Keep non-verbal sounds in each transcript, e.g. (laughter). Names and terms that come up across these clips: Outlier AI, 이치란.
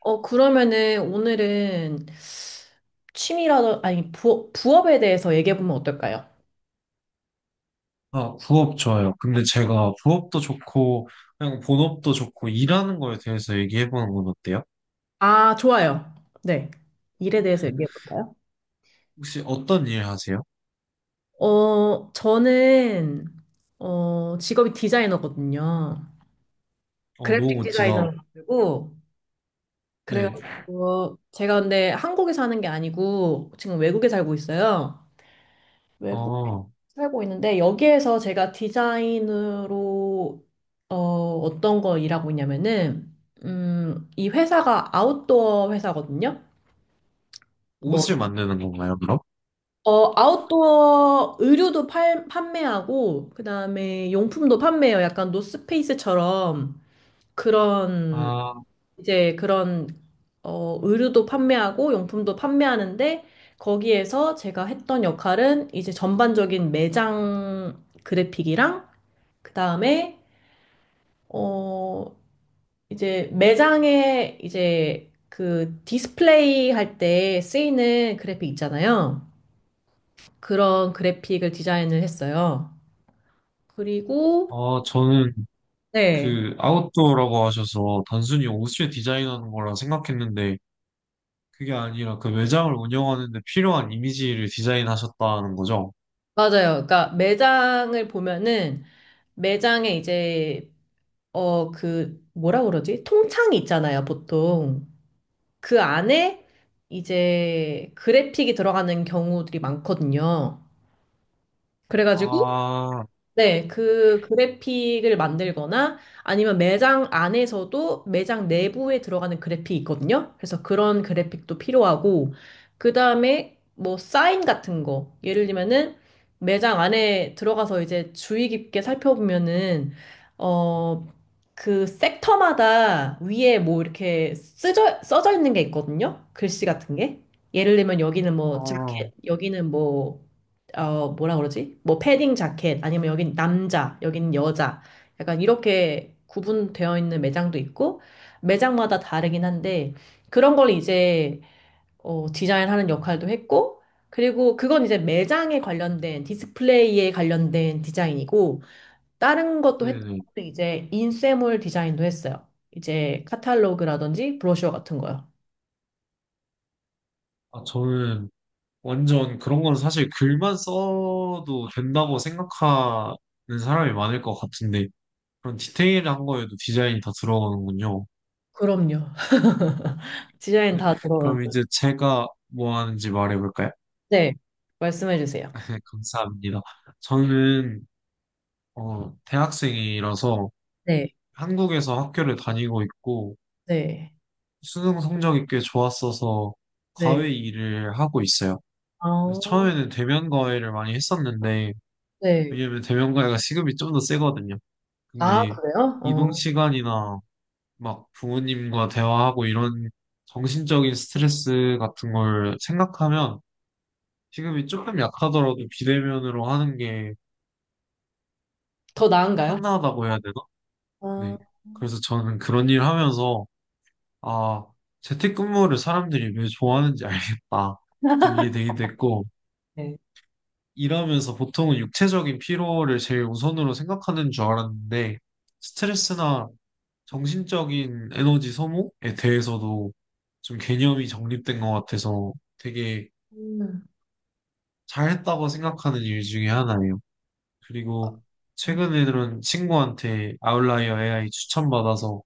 그러면은 오늘은 취미라도, 아니, 부업에 대해서 얘기해보면 어떨까요? 아, 부업 좋아요. 근데 제가 부업도 좋고, 그냥 본업도 좋고, 일하는 거에 대해서 얘기해보는 건 어때요? 아, 좋아요. 네. 일에 대해서 얘기해볼까요? 혹시 어떤 일 하세요? 저는, 직업이 디자이너거든요. 너무 그래픽 멋지다. 디자이너라고. 네. 그래가지고, 제가 근데 한국에 사는 게 아니고, 지금 외국에 살고 있어요. 외국에 어, 살고 있는데 여기에서 제가 디자인으로 어, 어떤 거 일하고 있냐면은 이 회사가 아웃도어 회사거든요. 뭐 옷을 만드는 건가요, 그럼? 아웃도어 의류도 판매하고 그다음에 용품도 판매해요. 약간 노스페이스처럼 그런 아, 이제 그런 의류도 판매하고 용품도 판매하는데 거기에서 제가 했던 역할은 이제 전반적인 매장 그래픽이랑 그 다음에, 어, 이제 매장에 이제 그 디스플레이 할 때 쓰이는 그래픽 있잖아요. 그런 그래픽을 디자인을 했어요. 그리고, 저는 네, 그 아웃도어라고 하셔서 단순히 옷을 디자인하는 거라 생각했는데, 그게 아니라 그 매장을 운영하는 데 필요한 이미지를 디자인하셨다는 거죠? 맞아요. 그러니까 매장을 보면은 매장에 이제, 뭐라 그러지? 통창이 있잖아요, 보통. 그 안에 이제 그래픽이 들어가는 경우들이 많거든요. 그래가지고, 아, 네, 그 그래픽을 만들거나 아니면 매장 안에서도 매장 내부에 들어가는 그래픽이 있거든요. 그래서 그런 그래픽도 필요하고, 그 다음에 뭐 사인 같은 거. 예를 들면은 매장 안에 들어가서 이제 주의 깊게 살펴보면은, 어, 그 섹터마다 위에 뭐 이렇게 써져 있는 게 있거든요. 글씨 같은 게. 예를 들면 여기는 뭐 아, 자켓, 여기는 뭐 뭐라 그러지? 뭐 패딩 자켓 아니면 여긴 남자, 여긴 여자. 약간 이렇게 구분되어 있는 매장도 있고 매장마다 다르긴 한데 그런 걸 이제 디자인하는 역할도 했고 그리고 그건 이제 매장에 관련된 디스플레이에 관련된 디자인이고 다른 것도 했던 네네. 것도 이제 인쇄물 디자인도 했어요. 이제 카탈로그라든지 브로셔 같은 거요. 아, 저는 완전 그런 건 사실 글만 써도 된다고 생각하는 사람이 많을 것 같은데 그런 디테일한 거에도 디자인이 다 들어가는군요. 그럼요. (laughs) 디자인 네, 다 그럼 들어가죠. 이제 제가 뭐 하는지 말해볼까요? 네, 말씀해 주세요. (laughs) 감사합니다. 저는 대학생이라서 네 한국에서 학교를 다니고 있고 네. 수능 성적이 꽤 좋았어서 네. 과외 일을 하고 있어요. 아, 그래서 처음에는 대면 과외를 많이 했었는데 네. 왜냐면 대면 과외가 시급이 좀 더 세거든요. 근데 아, 이 그래요? 이동 어. 시간이나 막 부모님과 대화하고 이런 정신적인 스트레스 같은 걸 생각하면 지금이 조금 약하더라도 비대면으로 하는 게 더 나은가요? 편하다고 해야 되나? 아, 네. 그래서 저는 그런 일 하면서 아, 재택근무를 사람들이 왜 좋아하는지 알겠다. 좀 이해되게 됐고 네. 일하면서 보통은 육체적인 피로를 제일 우선으로 생각하는 줄 알았는데 스트레스나 정신적인 에너지 소모에 대해서도 좀 개념이 정립된 것 같아서 되게 음. 잘했다고 생각하는 일 중에 하나예요. 그리고 최근에는 친구한테 아웃라이어 AI 추천받아서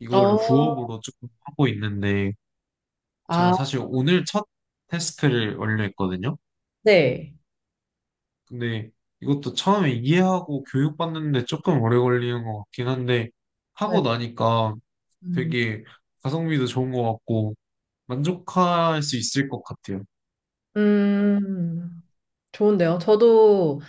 이거를 어, 부업으로 조금 하고 있는데 제가 아, 사실 오늘 첫 테스트를 완료했거든요. 네. 근데 이것도 처음에 이해하고 교육받는데 조금 오래 걸리는 것 같긴 한데 네. 하고 나니까 음. 되게 가성비도 좋은 것 같고 만족할 수 있을 것 같아요. 음, 좋은데요. 저도,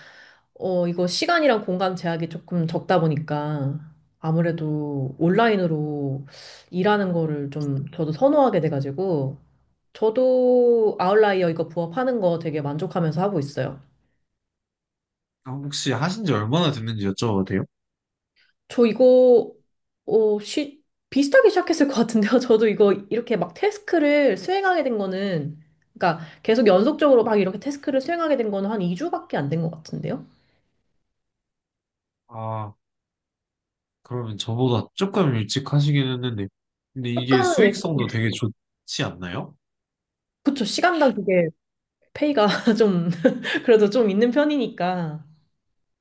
이거 시간이랑 공간 제약이 조금 적다 보니까 아무래도 온라인으로 일하는 거를 좀 저도 선호하게 돼가지고 저도 아웃라이어 이거 부업하는 거 되게 만족하면서 하고 있어요. 아, 혹시 하신 지 얼마나 됐는지 여쭤봐도 돼요? 저 이거 어, 시, 비슷하게 시작했을 것 같은데요. (laughs) 저도 이거 이렇게 막 태스크를 수행하게 된 거는 그러니까 계속 연속적으로 막 이렇게 태스크를 수행하게 된 거는 한 2주밖에 안 된 것 같은데요. 아, 그러면 저보다 조금 일찍 하시긴 했는데. 근데 이게 조금 수익성도 되게 좋지 않나요? 그쵸 시간당 그게 페이가 (laughs) 좀 그래도 좀 있는 편이니까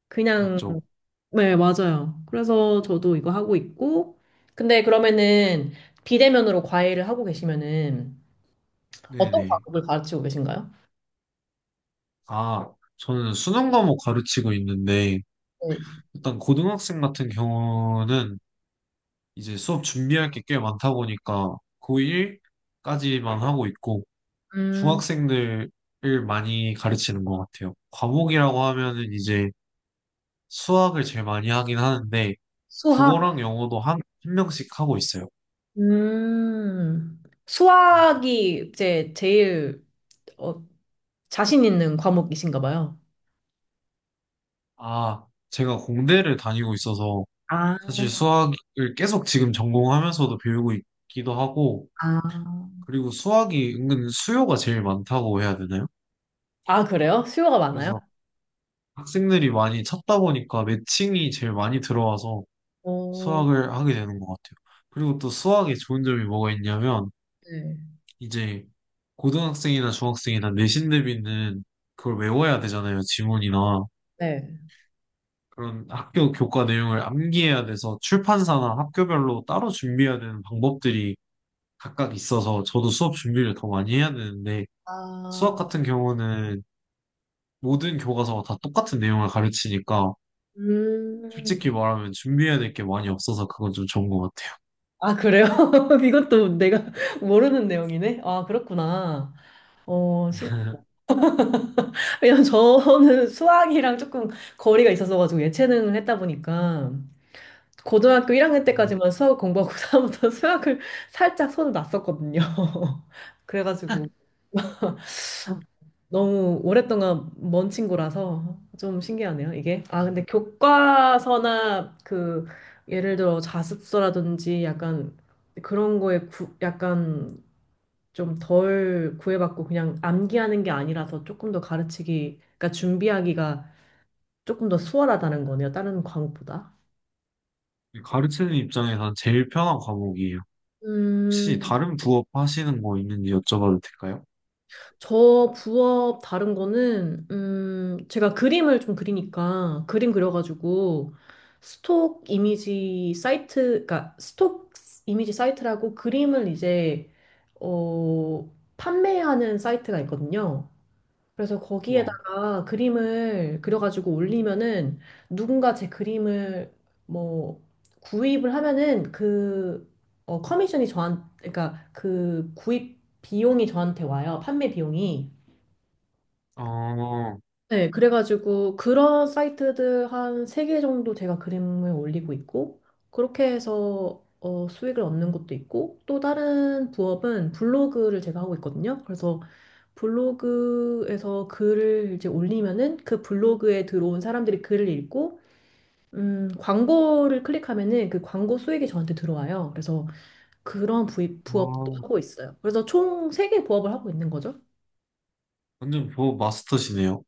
그냥 맞죠? 네 맞아요. 그래서 저도 이거 하고 있고 근데 그러면은 비대면으로 과외를 하고 계시면은 어떤 네네. 과목을 가르치고 계신가요? 아, 저는 수능 과목 가르치고 있는데, 네. 일단 고등학생 같은 경우는 이제 수업 준비할 게 꽤 많다 보니까 고1까지만 하고 있고, 음, 중학생들을 많이 가르치는 것 같아요. 과목이라고 하면은 이제 수학을 제일 많이 하긴 하는데 수학. 국어랑 영어도 한 명씩 하고 있어요. 음, 수학이 이제 제일 어, 자신 있는 과목이신가 봐요. 아, 제가 공대를 다니고 있어서 아, 사실 수학을 계속 지금 전공하면서도 배우고 있기도 하고, 아, 그리고 수학이 은근 수요가 제일 많다고 해야 되나요? 아, 그래요? 수요가 많아요? 그래서 학생들이 많이 찾다 보니까 매칭이 제일 많이 들어와서 오, 수학을 하게 되는 것 같아요. 그리고 또 수학의 좋은 점이 뭐가 있냐면, 네. 이제 고등학생이나 중학생이나 내신 대비는 그걸 외워야 되잖아요, 지문이나. 네. 그런 학교 교과 내용을 암기해야 돼서 출판사나 학교별로 따로 준비해야 되는 방법들이 각각 있어서 저도 수업 준비를 더 많이 해야 되는데 수학 아, 같은 경우는 모든 교과서가 다 똑같은 내용을 가르치니까 음, 솔직히 말하면 준비해야 될 게 많이 없어서 그건 좀 좋은 것 같아요. 아, 그래요? (laughs) 이것도 내가 (laughs) 모르는 내용이네? 아, 그렇구나. 어, 신... 왜냐면 저는 수학이랑 조금 거리가 있어서 가지고 예체능을 했다 보니까 고등학교 1학년 음. 때까지만 수학을 공부하고 (laughs) 다부터 수학을 살짝 손을 놨었거든요. (laughs) 그래가지고 (laughs) 너무 오랫동안 먼 친구라서 좀 신기하네요, 이게. 아, 음, 근데 교과서나 그 예를 들어 자습서라든지 약간 그런 거에 약간 좀 덜 구애받고 그냥 암기하는 게 아니라서 조금 더 가르치기, 그러니까 준비하기가 조금 더 수월하다는 거네요, 다른 과목보다. 가르치는 입장에선 제일 편한 과목이에요. 혹시 음, 다른 부업 하시는 거 있는지 여쭤봐도 될까요? 저 부업 다른 거는 제가 그림을 좀 그리니까 그림 그려가지고 스톡 이미지 사이트 그러니까 스톡 이미지 사이트라고 그림을 이제 어 판매하는 사이트가 있거든요. 그래서 우와. 거기에다가 그림을 그려가지고 올리면은 누군가 제 그림을 뭐 구입을 하면은 그 어, 커미션이 저한 그러니까 그 구입 비용이 저한테 와요. 판매 비용이. 어, 네, 그래가지고 그런 사이트들 한 세 개 정도 제가 그림을 올리고 있고 그렇게 해서 수익을 얻는 것도 있고 또 다른 부업은 블로그를 제가 하고 있거든요. 그래서 블로그에서 글을 이제 올리면은 그 블로그에 들어온 사람들이 글을 읽고 광고를 클릭하면은 그 광고 수익이 저한테 들어와요. 그래서 그런 부업도 어, 하고 있어요. 그래서 총 세 개 부업을 하고 있는 거죠. 완전 부업 마스터시네요.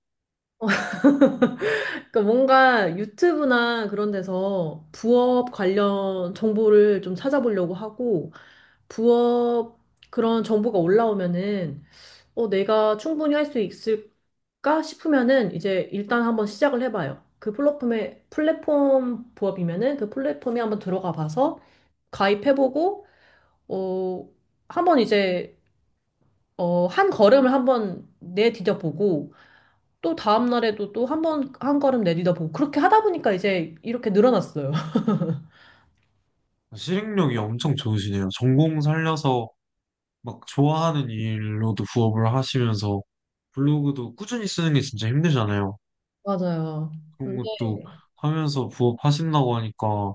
그러니까 뭔가 유튜브나 그런 데서 부업 관련 정보를 좀 찾아보려고 하고, 부업 그런 정보가 올라오면은, 내가 충분히 할 수 있을까 싶으면은, 이제 일단 한번 시작을 해봐요. 플랫폼 부업이면은 그 플랫폼에 한번 들어가 봐서 가입해보고, 어, 한번 이제, 한 걸음을 한번 내디뎌보고, 또 다음 날에도 또 한 번, 한 걸음 내딛어 보고 그렇게 하다 보니까 이제 이렇게 늘어났어요. (laughs) 실행력이 엄청 좋으시네요. 전공 살려서 막 좋아하는 일로도 부업을 하시면서 블로그도 꾸준히 쓰는 게 진짜 힘들잖아요. 맞아요. 그런 근데 것도 하면서 부업 하신다고 하니까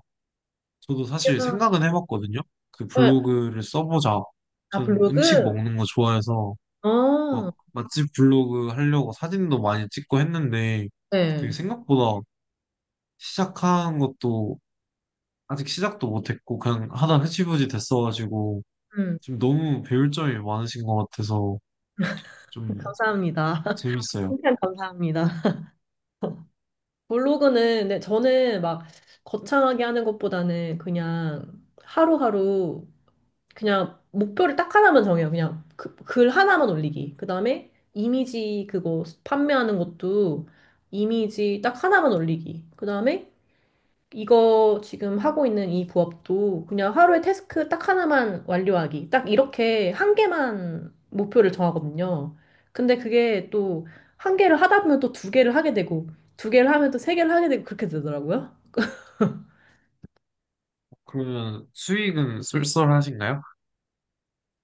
저도 사실 그냥, 생각은 해봤거든요. 그 네. 블로그를 써보자. 아, 전 음식 블로그? 먹는 거 좋아해서 어, 막 맛집 블로그 하려고 사진도 많이 찍고 했는데 그게 네. 생각보다 시작한 것도 아직 시작도 못했고 그냥 하다 흐지부지 됐어가지고 음, 지금 너무 배울 점이 많으신 것 같아서 (laughs) 좀 감사합니다. (laughs) 재밌어요. 칭찬 감사합니다. 블로그는 네, 저는 막 거창하게 하는 것보다는 그냥 하루하루 그냥 목표를 딱 하나만 정해요. 그냥 글 하나만 올리기. 그다음에 이미지 그거 판매하는 것도 이미지 딱 하나만 올리기. 그다음에 이거 지금 하고 있는 이 부업도 그냥 하루에 태스크 딱 하나만 완료하기. 딱 이렇게 한 개만 목표를 정하거든요. 근데 그게 또 한 개를 하다 보면 또 두 개를 하게 되고, 두 개를 하면 또 세 개를 하게 되고, 그렇게 되더라고요. 그러면 수익은 쏠쏠하신가요?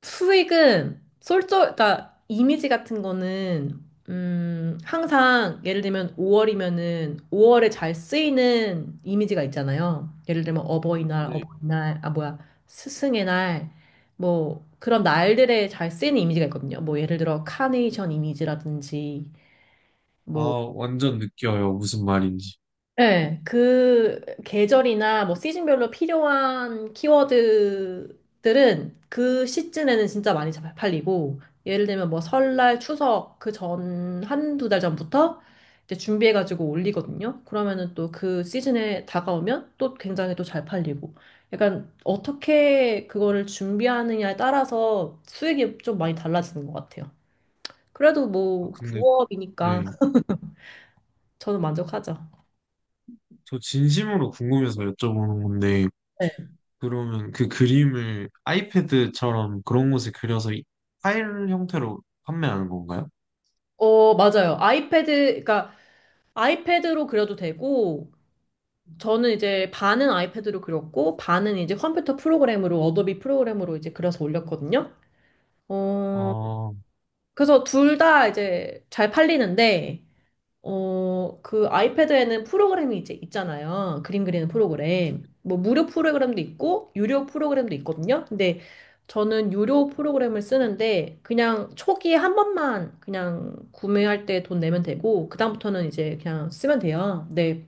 수익은 그러니까 이미지 같은 거는 항상 예를 들면 5월이면은 5월에 잘 쓰이는 이미지가 있잖아요. 예를 들면 어버이날, 네. 어버이날, 아 뭐야, 스승의 날, 뭐 그런 날들에 잘 쓰이는 이미지가 있거든요. 뭐 예를 들어 카네이션 이미지라든지 아, 뭐 완전 느껴요. 무슨 말인지. 네, 그 계절이나 뭐 시즌별로 필요한 키워드들은 그 시즌에는 진짜 많이 잘 팔리고, 예를 들면 뭐 설날, 추석 그 전, 한두 달 전부터 이제 준비해가지고 올리거든요. 그러면은 또 그 시즌에 다가오면 또 굉장히 또 잘 팔리고. 약간 어떻게 그거를 준비하느냐에 따라서 수익이 좀 많이 달라지는 것 같아요. 그래도 아, 뭐 근데, 부업이니까 네. 저는 만족하죠. 저 진심으로 궁금해서 여쭤보는 건데, 그러면 그 그림을 아이패드처럼 그런 곳에 그려서 이- 파일 형태로 판매하는 건가요? 어, 맞아요. 아이패드, 그러니까 아이패드로 그려도 되고, 저는 이제 반은 아이패드로 그렸고, 반은 이제 컴퓨터 프로그램으로, 어도비 프로그램으로 이제 그려서 올렸거든요. 어, 어, 그래서 둘 다 이제 잘 팔리는데, 그 아이패드에는 프로그램이 이제 있잖아요. 그림 그리는 프로그램. 뭐 무료 프로그램도 있고 유료 프로그램도 있거든요. 근데 저는 유료 프로그램을 쓰는데 그냥 초기에 한 번만 그냥 구매할 때 돈 내면 되고 그다음부터는 이제 그냥 쓰면 돼요. 네.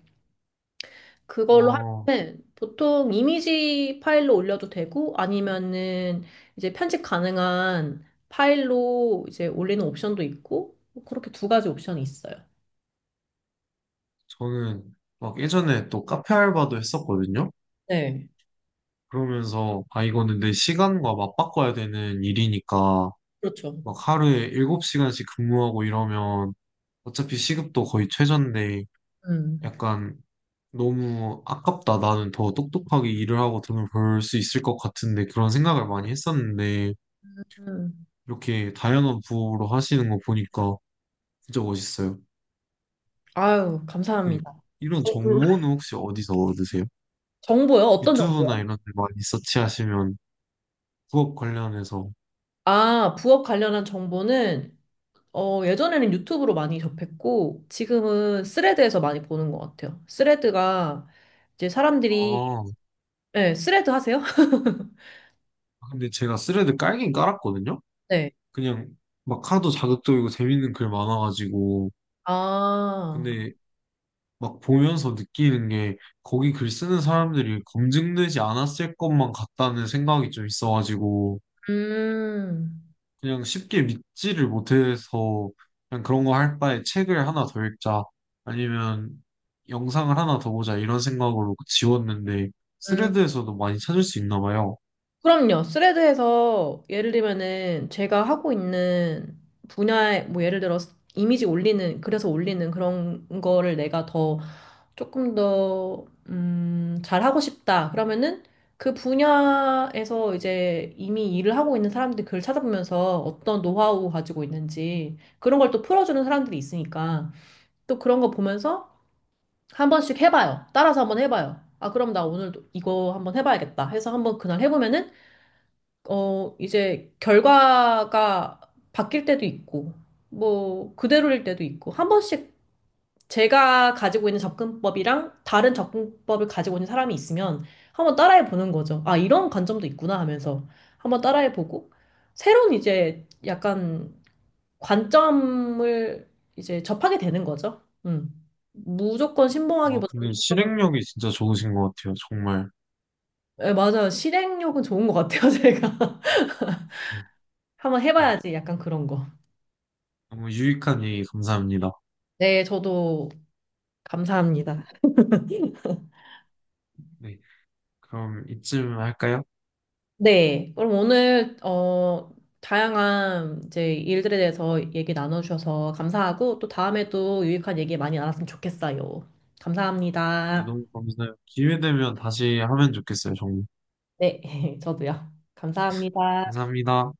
그걸로 어, 하면 보통 이미지 파일로 올려도 되고 아니면은 이제 편집 가능한 파일로 이제 올리는 옵션도 있고 뭐 그렇게 두 가지 옵션이 있어요. 저는 막 예전에 또 카페 알바도 했었거든요. 네. 그러면서, 아, 이거는 내 시간과 맞바꿔야 되는 일이니까, 그렇죠. 막 하루에 7시간씩 근무하고 이러면 어차피 시급도 거의 최저인데 음. 약간 너무 아깝다. 나는 더 똑똑하게 일을 하고 돈을 벌 수 있을 것 같은데 그런 생각을 많이 했었는데 음. 이렇게 다양한 부업으로 하시는 거 보니까 진짜 멋있어요. 아유, 그 감사합니다. 이런 어, 음. 정보는 혹시 어디서 얻으세요? 정보요? 어떤 유튜브나 정보요? 이런 데 많이 서치하시면 부업 관련해서 아, 부업 관련한 정보는 예전에는 유튜브로 많이 접했고 지금은 스레드에서 많이 보는 것 같아요. 스레드가 이제 사람들이 아 네, 스레드 하세요? (laughs) 근데 제가 스레드 깔긴 깔았거든요. 네. 그냥 막 하도 자극적이고 재밌는 글 많아가지고 아, 근데 막 보면서 느끼는 게 거기 글 쓰는 사람들이 검증되지 않았을 것만 같다는 생각이 좀 있어가지고 음, 그냥 쉽게 믿지를 못해서 그냥 그런 거 할 바에 책을 하나 더 읽자 아니면 영상을 하나 더 보자 이런 생각으로 지웠는데 음. 스레드에서도 많이 찾을 수 있나 봐요. 그럼요. 스레드에서 예를 들면은 제가 하고 있는 분야에 뭐 예를 들어 이미지 올리는 그래서 올리는 그런 거를 내가 더 조금 더 잘하고 싶다. 그러면은 그 분야에서 이제 이미 일을 하고 있는 사람들 글을 찾아보면서 어떤 노하우 가지고 있는지 그런 걸 또 풀어주는 사람들이 있으니까 또 그런 거 보면서 한 번씩 해봐요. 따라서 한번 해봐요. 아, 그럼 나 오늘 이거 한번 해봐야겠다 해서 한번 그날 해보면은 이제 결과가 바뀔 때도 있고, 뭐, 그대로일 때도 있고, 한 번씩 제가 가지고 있는 접근법이랑 다른 접근법을 가지고 있는 사람이 있으면 한번 따라해 보는 거죠. 아, 이런 관점도 있구나 하면서 한번 따라해 보고, 새로운 이제 약간 관점을 이제 접하게 되는 거죠. 음. 무조건 아, 신봉하기보다는 근데 조금, 실행력이 진짜 좋으신 것 같아요. 정말. 예, 맞아요. 실행력은 좋은 것 같아요, 제가. (laughs) 한번 네. 해봐야지, 약간 그런 거. 너무 유익한 얘기 감사합니다. 네, 저도 감사합니다. (laughs) 네. 그럼 이쯤 할까요? 네, 그럼 오늘 다양한 이제 일들에 대해서 얘기 나눠주셔서 감사하고 또 다음에도 유익한 얘기 많이 나눴으면 좋겠어요. 네, 감사합니다. 너무 감사해요. 기회 되면 다시 하면 좋겠어요, 정말. 네, (laughs) 저도요. 감사합니다. 감사합니다.